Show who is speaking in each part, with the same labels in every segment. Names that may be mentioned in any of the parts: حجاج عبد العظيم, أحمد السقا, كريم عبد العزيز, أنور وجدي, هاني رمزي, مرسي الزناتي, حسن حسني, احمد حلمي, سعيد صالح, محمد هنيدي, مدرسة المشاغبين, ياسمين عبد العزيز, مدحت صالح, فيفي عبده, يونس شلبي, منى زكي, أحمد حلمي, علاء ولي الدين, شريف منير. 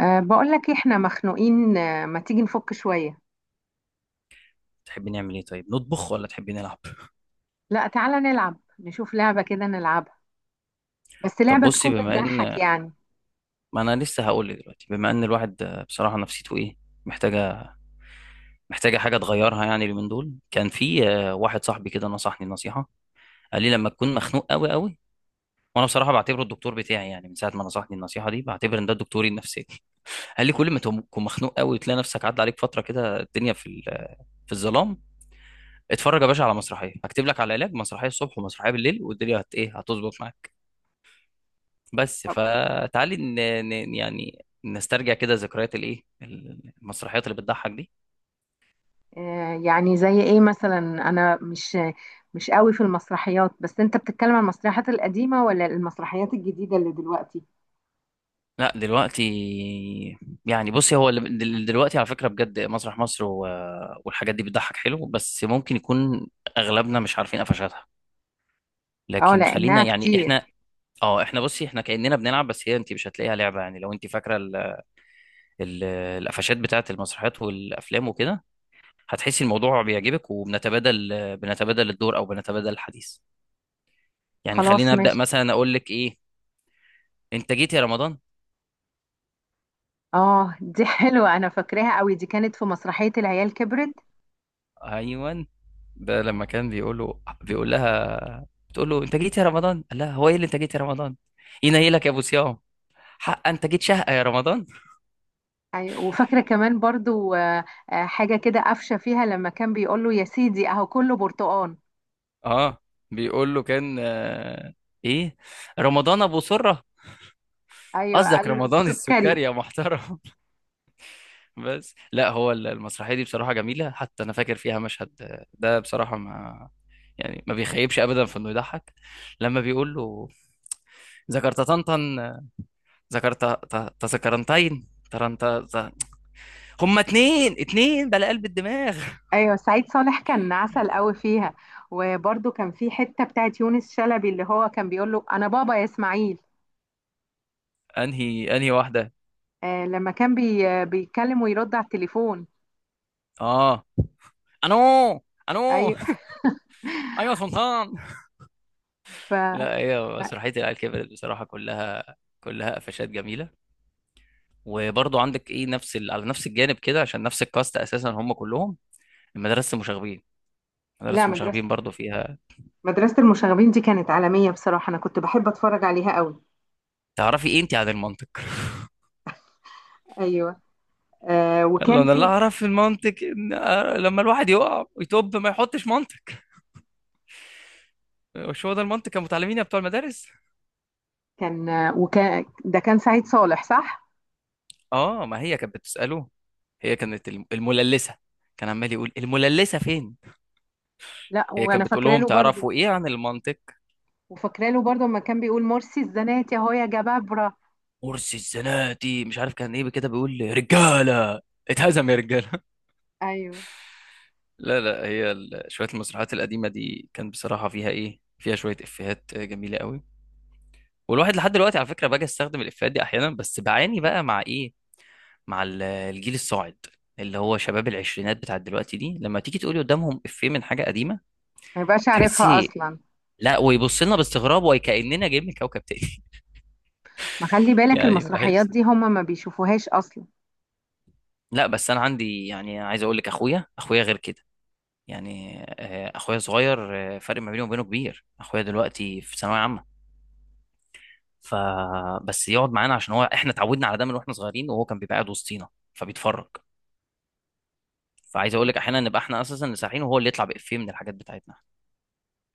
Speaker 1: بقول لك احنا مخنوقين، ما تيجي نفك شوية؟
Speaker 2: تحبي نعمل ايه؟ طيب، نطبخ ولا تحبي نلعب؟
Speaker 1: لا، تعالى نلعب، نشوف لعبة كده نلعبها. بس
Speaker 2: طب
Speaker 1: لعبة
Speaker 2: بصي،
Speaker 1: تكون
Speaker 2: بما
Speaker 1: بتضحك
Speaker 2: ان
Speaker 1: يعني.
Speaker 2: ما انا لسه هقول لك دلوقتي، بما ان الواحد بصراحه نفسيته ايه؟ محتاجه محتاجه حاجه تغيرها. يعني اليومين دول كان في واحد صاحبي كده نصحني نصيحه. قال لي لما تكون مخنوق قوي قوي. وانا بصراحه بعتبره الدكتور بتاعي، يعني من ساعه ما نصحني النصيحه دي بعتبر ان ده دكتوري النفسي. قال لي كل ما تكون مخنوق قوي وتلاقي نفسك عدى عليك فتره كده الدنيا في الظلام، اتفرج يا باشا على مسرحيه. هكتب لك على علاج: مسرحيه الصبح ومسرحيه بالليل، والدنيا هت ايه، هتظبط معاك. بس
Speaker 1: طب.
Speaker 2: فتعالي يعني نسترجع كده ذكريات الايه، المسرحيات اللي بتضحك دي.
Speaker 1: أه يعني زي ايه مثلا؟ انا مش قوي في المسرحيات، بس انت بتتكلم عن المسرحيات القديمة ولا المسرحيات الجديدة اللي دلوقتي؟
Speaker 2: لا دلوقتي، يعني بصي، هو دلوقتي على فكرة بجد مسرح مصر والحاجات دي بتضحك حلو، بس ممكن يكون اغلبنا مش عارفين قفشاتها.
Speaker 1: اه
Speaker 2: لكن خلينا
Speaker 1: لانها
Speaker 2: يعني
Speaker 1: كتير.
Speaker 2: احنا، اه، احنا بصي احنا كأننا بنلعب، بس هي انت مش هتلاقيها لعبة. يعني لو انت فاكرة ال... القفشات بتاعت المسرحيات والافلام وكده هتحسي الموضوع بيعجبك، وبنتبادل الدور، او بنتبادل الحديث. يعني
Speaker 1: خلاص
Speaker 2: خليني ابدا
Speaker 1: ماشي.
Speaker 2: مثلا، اقول لك ايه: انت جيت يا رمضان؟
Speaker 1: اه، دي حلوة، انا فاكراها قوي، دي كانت في مسرحية العيال كبرت.
Speaker 2: ايوان، ده لما كان بيقول لها، بتقول له: انت جيت يا رمضان؟ قال لها: هو ايه اللي انت جيت يا رمضان، ينيلك يا ابو صيام، حق انت جيت شهقه يا رمضان.
Speaker 1: أيوة، وفاكرة كمان برضو، حاجة كده قفشة فيها لما كان بيقول له يا سيدي أهو كله برتقان.
Speaker 2: اه. بيقول له كان ايه، رمضان ابو سره.
Speaker 1: أيوة،
Speaker 2: قصدك
Speaker 1: قال له
Speaker 2: رمضان
Speaker 1: السكري.
Speaker 2: السكري يا محترم. بس لا، هو المسرحيه دي بصراحه جميله، حتى انا فاكر فيها مشهد ده بصراحه، ما يعني ما بيخيبش ابدا في انه يضحك. لما بيقول له: ذكرت طنطا، ذكرت تذكرنتين ترنت، هما اتنين اتنين بلا قلب الدماغ.
Speaker 1: أيوة، سعيد صالح كان عسل قوي فيها، وبرضو كان في حتة بتاعت يونس شلبي اللي هو كان بيقول له أنا بابا يا إسماعيل.
Speaker 2: انهي انهي واحده؟
Speaker 1: آه، لما كان بي آه، بيتكلم ويرد على التليفون.
Speaker 2: اه. انو انو.
Speaker 1: أيوة.
Speaker 2: ايوه سلطان.
Speaker 1: ف
Speaker 2: لا، هي
Speaker 1: لا،
Speaker 2: مسرحيه العيال كبرت بصراحه كلها، كلها قفشات جميله. وبرضو عندك ايه، نفس على نفس الجانب كده، عشان نفس الكاست اساسا هم كلهم. المدرسه المشاغبين، مدرسة
Speaker 1: لا، مدرسة
Speaker 2: المشاغبين برضو فيها:
Speaker 1: مدرسة المشاغبين دي كانت عالمية بصراحة، أنا كنت بحب أتفرج عليها قوي.
Speaker 2: تعرفي ايه انت عن المنطق؟
Speaker 1: أيوة.
Speaker 2: قال له:
Speaker 1: وكان
Speaker 2: انا اللي
Speaker 1: في
Speaker 2: اعرف في المنطق ان لما الواحد يقع ويتوب ما يحطش منطق. مش هو ده المنطق يا متعلمين يا بتوع المدارس؟
Speaker 1: كان آه، وكان ده كان سعيد صالح صح؟
Speaker 2: اه، ما هي كانت بتسأله. هي كانت المللسة. كان عمال يقول: المللسة فين.
Speaker 1: لا،
Speaker 2: هي
Speaker 1: وانا
Speaker 2: كانت بتقول
Speaker 1: فاكره
Speaker 2: لهم:
Speaker 1: له برضو.
Speaker 2: تعرفوا ايه عن المنطق؟
Speaker 1: وفاكره له برضو لما كان بيقول مرسي الزناتي اهو يا جبابره.
Speaker 2: مرسي الزناتي مش عارف كان ايه، كده بيقول: رجالة، اتهزم يا رجالة.
Speaker 1: ايوه.
Speaker 2: لا لا، هي شوية المسرحيات القديمة دي كان بصراحة فيها ايه، فيها شوية افيهات جميلة قوي. والواحد لحد دلوقتي على فكرة باجي استخدم الافيهات دي احيانا، بس بعاني بقى مع ايه، مع الجيل الصاعد، اللي هو شباب العشرينات بتاع دلوقتي دي، لما تيجي تقولي قدامهم افيه من حاجة قديمة
Speaker 1: ما يبقاش عارفها
Speaker 2: تحسي،
Speaker 1: اصلا.
Speaker 2: لا، ويبص لنا باستغراب وكأننا جايين من كوكب تاني.
Speaker 1: ما خلي بالك،
Speaker 2: يعني
Speaker 1: المسرحيات
Speaker 2: بحس،
Speaker 1: دي هم ما بيشوفوهاش اصلا.
Speaker 2: لا، بس انا عندي، يعني عايز اقول لك، اخويا، اخويا غير كده. يعني اخويا صغير، فرق ما بينه وبينه كبير. اخويا دلوقتي في ثانويه عامه، ف بس يقعد معانا، عشان هو احنا اتعودنا على ده من واحنا صغيرين، وهو كان بيبقى قاعد وسطينا فبيتفرج. فعايز اقول
Speaker 1: و-
Speaker 2: لك احيانا نبقى احنا اساسا اللي سارحين، وهو اللي يطلع بافيه من الحاجات بتاعتنا.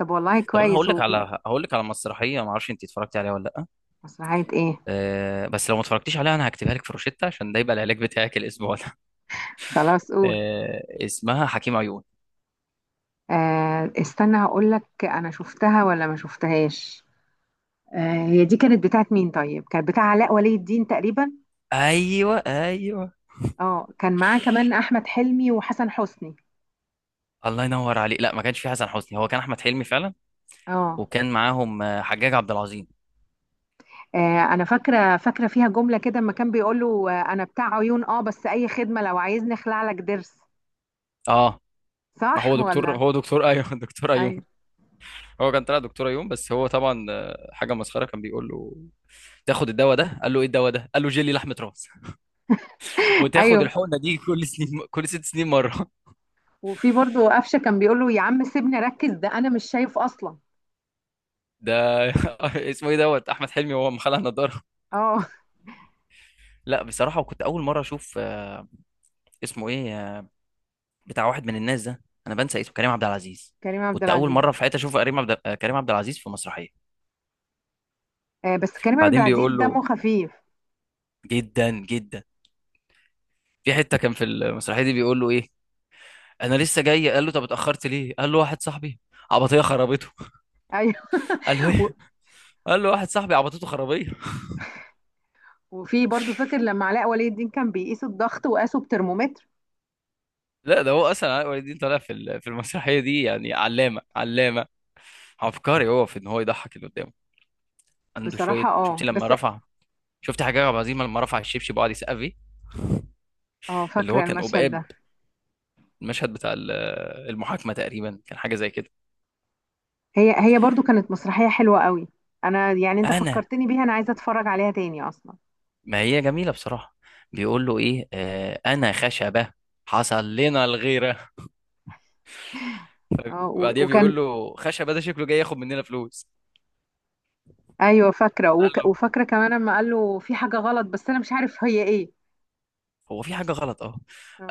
Speaker 1: طب، والله
Speaker 2: طب انا
Speaker 1: كويس،
Speaker 2: هقول لك على هقول لك على مسرحيه، ما اعرفش انت اتفرجتي عليها ولا لا.
Speaker 1: مسرحيه ايه؟
Speaker 2: أه، بس لو ما اتفرجتيش عليها انا هكتبها لك في روشتة، عشان ده يبقى العلاج بتاعك الاسبوع.
Speaker 1: خلاص، قول.
Speaker 2: اسمها حكيم عيون.
Speaker 1: استنى، هقول لك انا شفتها ولا ما شفتهاش. هي دي كانت بتاعت مين طيب؟ كانت بتاع علاء ولي الدين تقريبا.
Speaker 2: ايوه، ايوه.
Speaker 1: اه، كان معاه كمان احمد حلمي وحسن حسني.
Speaker 2: الله ينور عليك. لا، ما كانش في حسن حسني، هو كان احمد حلمي فعلا.
Speaker 1: اه.
Speaker 2: وكان معاهم حجاج عبد العظيم.
Speaker 1: آه، انا فاكره فيها جمله كده اما كان بيقول له، انا بتاع عيون اه بس اي خدمه، لو عايزني اخلع لك ضرس.
Speaker 2: اه، ما هو
Speaker 1: صح
Speaker 2: دكتور،
Speaker 1: ولا؟
Speaker 2: هو دكتور. ايوه، دكتور ايوم.
Speaker 1: ايوه.
Speaker 2: هو كان طلع دكتور ايوم، بس هو طبعا حاجه مسخره. كان بيقول له: تاخد الدواء ده. قال له: ايه الدواء ده؟ قال له: جيلي لحمه راس. وتاخد
Speaker 1: ايوه،
Speaker 2: الحقنه دي كل 6 سنين مره.
Speaker 1: وفي برضو قفشه كان بيقول له يا عم سيبني اركز، ده انا مش شايف اصلا.
Speaker 2: ده اسمه ايه، دوت احمد حلمي وهو مخلع نضاره.
Speaker 1: اه.
Speaker 2: لا بصراحه، وكنت اول مره اشوف اسمه ايه، بتاع واحد من الناس ده انا بنسى اسمه، كريم عبد العزيز.
Speaker 1: كريم عبد
Speaker 2: كنت اول
Speaker 1: العزيز.
Speaker 2: مره في حياتي اشوف كريم عبد العزيز في مسرحيه.
Speaker 1: بس كريم عبد
Speaker 2: بعدين
Speaker 1: العزيز
Speaker 2: بيقول له،
Speaker 1: دمه خفيف.
Speaker 2: جدا جدا، في حته كان في المسرحيه دي بيقول له ايه: انا لسه جاي. قال له: طب اتاخرت ليه؟ قال له: واحد صاحبي عبطيه خربته.
Speaker 1: ايوه.
Speaker 2: قال له
Speaker 1: و-
Speaker 2: ايه؟ قال له: واحد صاحبي عبطته خرابيه.
Speaker 1: وفي برضو فاكر لما علاء ولي الدين كان بيقيس الضغط وقاسه بترمومتر.
Speaker 2: لا، ده هو اصلا علاء ولي الدين طالع في المسرحيه دي يعني علامه، علامه عبقري هو في ان هو يضحك اللي قدامه. عنده
Speaker 1: بصراحه
Speaker 2: شويه، شفتي
Speaker 1: اه،
Speaker 2: لما
Speaker 1: بس.
Speaker 2: رفع، شفتي حاجه عبد العزيز لما رفع الشبشب وقعد يسقف فيه،
Speaker 1: اه،
Speaker 2: اللي هو
Speaker 1: فاكره
Speaker 2: كان
Speaker 1: المشهد
Speaker 2: قبقاب.
Speaker 1: ده.
Speaker 2: المشهد بتاع المحاكمة تقريبا، كان حاجة زي كده.
Speaker 1: هي هي برضو كانت مسرحيه حلوه قوي. انا يعني، انت
Speaker 2: أنا،
Speaker 1: فكرتني بيها، انا عايزه اتفرج عليها تاني اصلا.
Speaker 2: ما هي جميلة بصراحة. بيقول له: إيه أنا خشبة، حصل لنا الغيرة.
Speaker 1: اه.
Speaker 2: بعديها
Speaker 1: وكان.
Speaker 2: بيقول له: خشبة ده شكله جاي ياخد مننا فلوس.
Speaker 1: ايوه، فاكره،
Speaker 2: قال له:
Speaker 1: وفاكره كمان لما قال له في حاجه غلط، بس انا مش عارف هي ايه.
Speaker 2: هو في حاجة غلط؟ أه.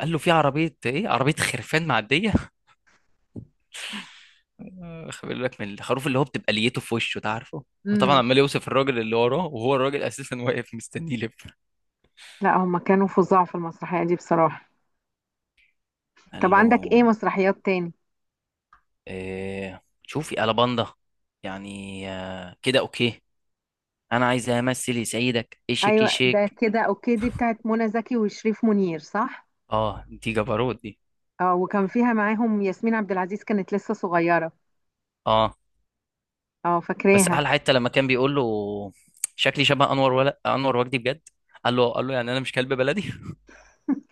Speaker 2: قال له: في عربية. إيه عربية؟ خرفان معدية. خلي بالك من الخروف اللي هو بتبقى ليته في وشه ده، عارفه. هو طبعا
Speaker 1: امم.
Speaker 2: عمال يوصف الراجل اللي وراه وهو الراجل اساسا واقف مستنيه يلف.
Speaker 1: لا، هما كانوا فظاع في المسرحيه دي بصراحه.
Speaker 2: قال
Speaker 1: طب،
Speaker 2: له
Speaker 1: عندك ايه مسرحيات تاني؟
Speaker 2: شوفي ألاباندا. يعني كده أوكي. أنا عايز أمثل. يسعدك إيه؟ شيك إيه
Speaker 1: ايوه، ده
Speaker 2: شيك.
Speaker 1: كده اوكي، دي بتاعت منى زكي وشريف منير صح؟
Speaker 2: أه، دي جبروت دي.
Speaker 1: اه، وكان فيها معاهم ياسمين عبد العزيز كانت لسه صغيره.
Speaker 2: أه،
Speaker 1: اه،
Speaker 2: بس
Speaker 1: فاكراها.
Speaker 2: أحلى حتة لما كان بيقول له: شكلي شبه أنور ولا أنور وجدي بجد؟ قال له يعني أنا مش كلب بلدي.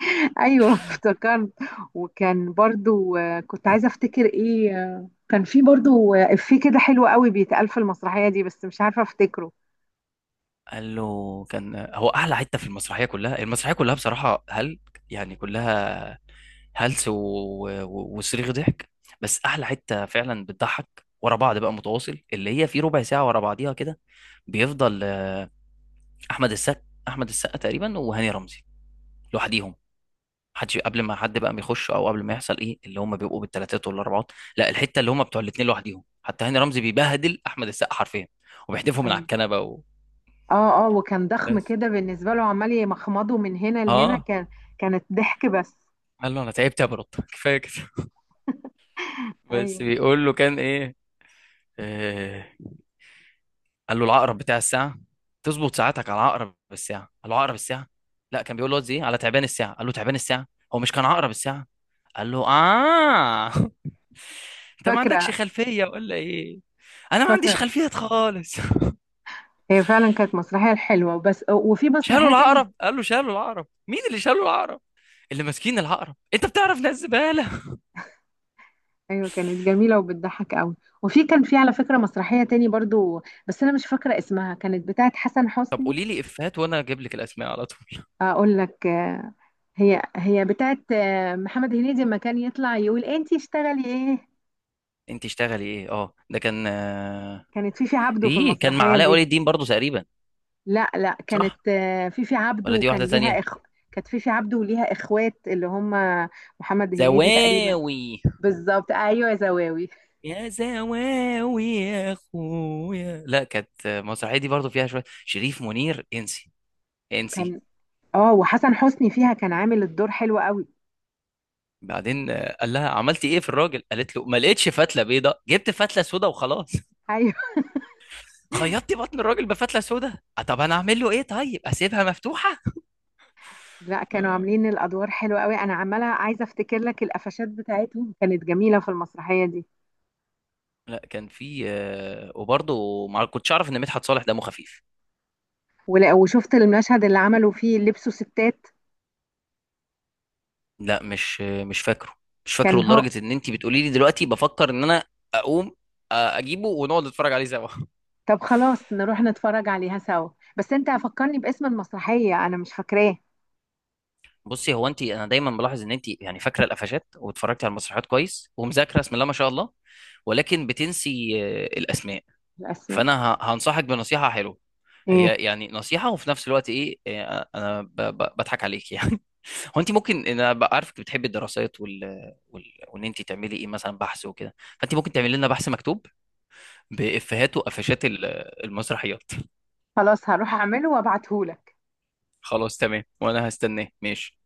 Speaker 1: ايوه، افتكرت. وكان برضو، كنت عايزه افتكر ايه، كان في برضو، افيه كده حلو قوي بيتقال في المسرحيه دي، بس مش عارفه افتكره.
Speaker 2: قال له كان، هو أحلى حتة في المسرحية كلها. المسرحية كلها بصراحة يعني كلها هلس وصريخ ضحك. بس احلى حته فعلا بتضحك ورا بعض بقى متواصل، اللي هي في ربع ساعه ورا بعضيها كده، بيفضل احمد السقا. احمد السقا تقريبا وهاني رمزي لوحديهم. حد قبل ما حد بقى بيخش، او قبل ما يحصل ايه، اللي هم بيبقوا بالثلاثات والاربعات، لا، الحته اللي هم بتوع الاثنين لوحديهم. حتى هاني رمزي بيبهدل احمد السقا حرفيا، وبيحدفه من على
Speaker 1: أيوة.
Speaker 2: الكنبه
Speaker 1: اه، اه، وكان ضخم
Speaker 2: بس.
Speaker 1: كده بالنسبة له، عمال يمخمضه من هنا لهنا،
Speaker 2: اه.
Speaker 1: كان كانت ضحك بس.
Speaker 2: قال له: انا تعبت يا برد، كفايه كده. بس
Speaker 1: ايوه.
Speaker 2: بيقول له كان ايه، آه... قال له: العقرب بتاع الساعه، تظبط ساعاتك على عقرب الساعه. قال له: عقرب الساعه؟ لا، كان بيقول له زي على تعبان الساعه. قال له: تعبان الساعه؟ هو مش كان عقرب الساعه؟ قال له: اه. انت ما عندكش
Speaker 1: فاكرة
Speaker 2: خلفية ولا ايه؟ انا ما
Speaker 1: فاكرة
Speaker 2: عنديش خلفية خالص.
Speaker 1: هي فعلا كانت مسرحية حلوة، بس وفي
Speaker 2: شالوا
Speaker 1: مسرحية تاني.
Speaker 2: العقرب. قال له: شالوا العقرب؟ مين اللي شالوا العقرب؟ اللي ماسكين العقرب انت بتعرف ناس زبالة.
Speaker 1: ايوه، كانت جميلة وبتضحك قوي. وفي، كان في على فكرة مسرحية تاني برضو، بس انا مش فاكرة اسمها، كانت بتاعت حسن
Speaker 2: طب
Speaker 1: حسني.
Speaker 2: قولي لي افيهات وانا اجيب لك الاسماء على طول.
Speaker 1: اقول لك هي هي بتاعت محمد هنيدي لما كان يطلع يقول انتي اشتغلي ايه.
Speaker 2: انت اشتغلي ايه؟ اه، ده كان
Speaker 1: كانت فيفي عبده في
Speaker 2: ايه، كان مع
Speaker 1: المسرحية
Speaker 2: علاء ولي
Speaker 1: دي.
Speaker 2: الدين برضو تقريبا.
Speaker 1: لا، لا،
Speaker 2: صح،
Speaker 1: كانت فيفي عبده
Speaker 2: ولا دي
Speaker 1: وكان
Speaker 2: واحدة
Speaker 1: ليها
Speaker 2: تانية.
Speaker 1: اخ. كانت فيفي عبده وليها اخوات اللي هم محمد هنيدي تقريبا.
Speaker 2: زواوي.
Speaker 1: بالظبط، ايوه يا زواوي.
Speaker 2: يا زواوي يا اخويا، لا كانت مسرحية دي برضو فيها شوية شريف منير، انسي. انسي.
Speaker 1: كان اه وحسن حسني فيها كان عامل الدور حلو قوي.
Speaker 2: بعدين قال لها: عملتي ايه في الراجل؟ قالت له: ما لقيتش فتله بيضه، جبت فتله سودا وخلاص.
Speaker 1: ايوه.
Speaker 2: خيطتي بطن الراجل بفتله سودا، طب انا اعمل له ايه؟ طيب اسيبها مفتوحه.
Speaker 1: لا، كانوا
Speaker 2: آه.
Speaker 1: عاملين الادوار حلوه قوي، انا عماله عايزه افتكر لك القفشات بتاعتهم كانت جميله في المسرحيه دي.
Speaker 2: لا، كان في وبرضه ما كنتش اعرف ان مدحت صالح دمه خفيف.
Speaker 1: وشفت المشهد اللي عملوا فيه لبسوا ستات.
Speaker 2: لا، مش فاكره. مش فاكره
Speaker 1: كان هو.
Speaker 2: لدرجه ان انت بتقولي لي دلوقتي بفكر ان انا اقوم اجيبه ونقعد نتفرج عليه سوا.
Speaker 1: طب خلاص، نروح نتفرج عليها سوا، بس انت فكرني باسم المسرحيه انا مش فاكراه،
Speaker 2: بصي، هو انت، انا دايما بلاحظ ان انت يعني فاكره القفشات واتفرجتي على المسرحيات كويس ومذاكره، بسم الله ما شاء الله، ولكن بتنسي الاسماء.
Speaker 1: الاسماء.
Speaker 2: فانا هنصحك بنصيحه حلوه.
Speaker 1: إيه؟
Speaker 2: هي يعني نصيحه، وفي نفس الوقت ايه، انا بضحك عليك. يعني هو انت ممكن، انا عارفك بتحبي الدراسات وان انت تعملي ايه، مثلا بحث وكده، فانت ممكن تعملي لنا بحث مكتوب بافيهات وقفشات المسرحيات.
Speaker 1: خلاص، هروح اعمله وابعتهولك.
Speaker 2: خلاص تمام، وانا هستناه، ماشي.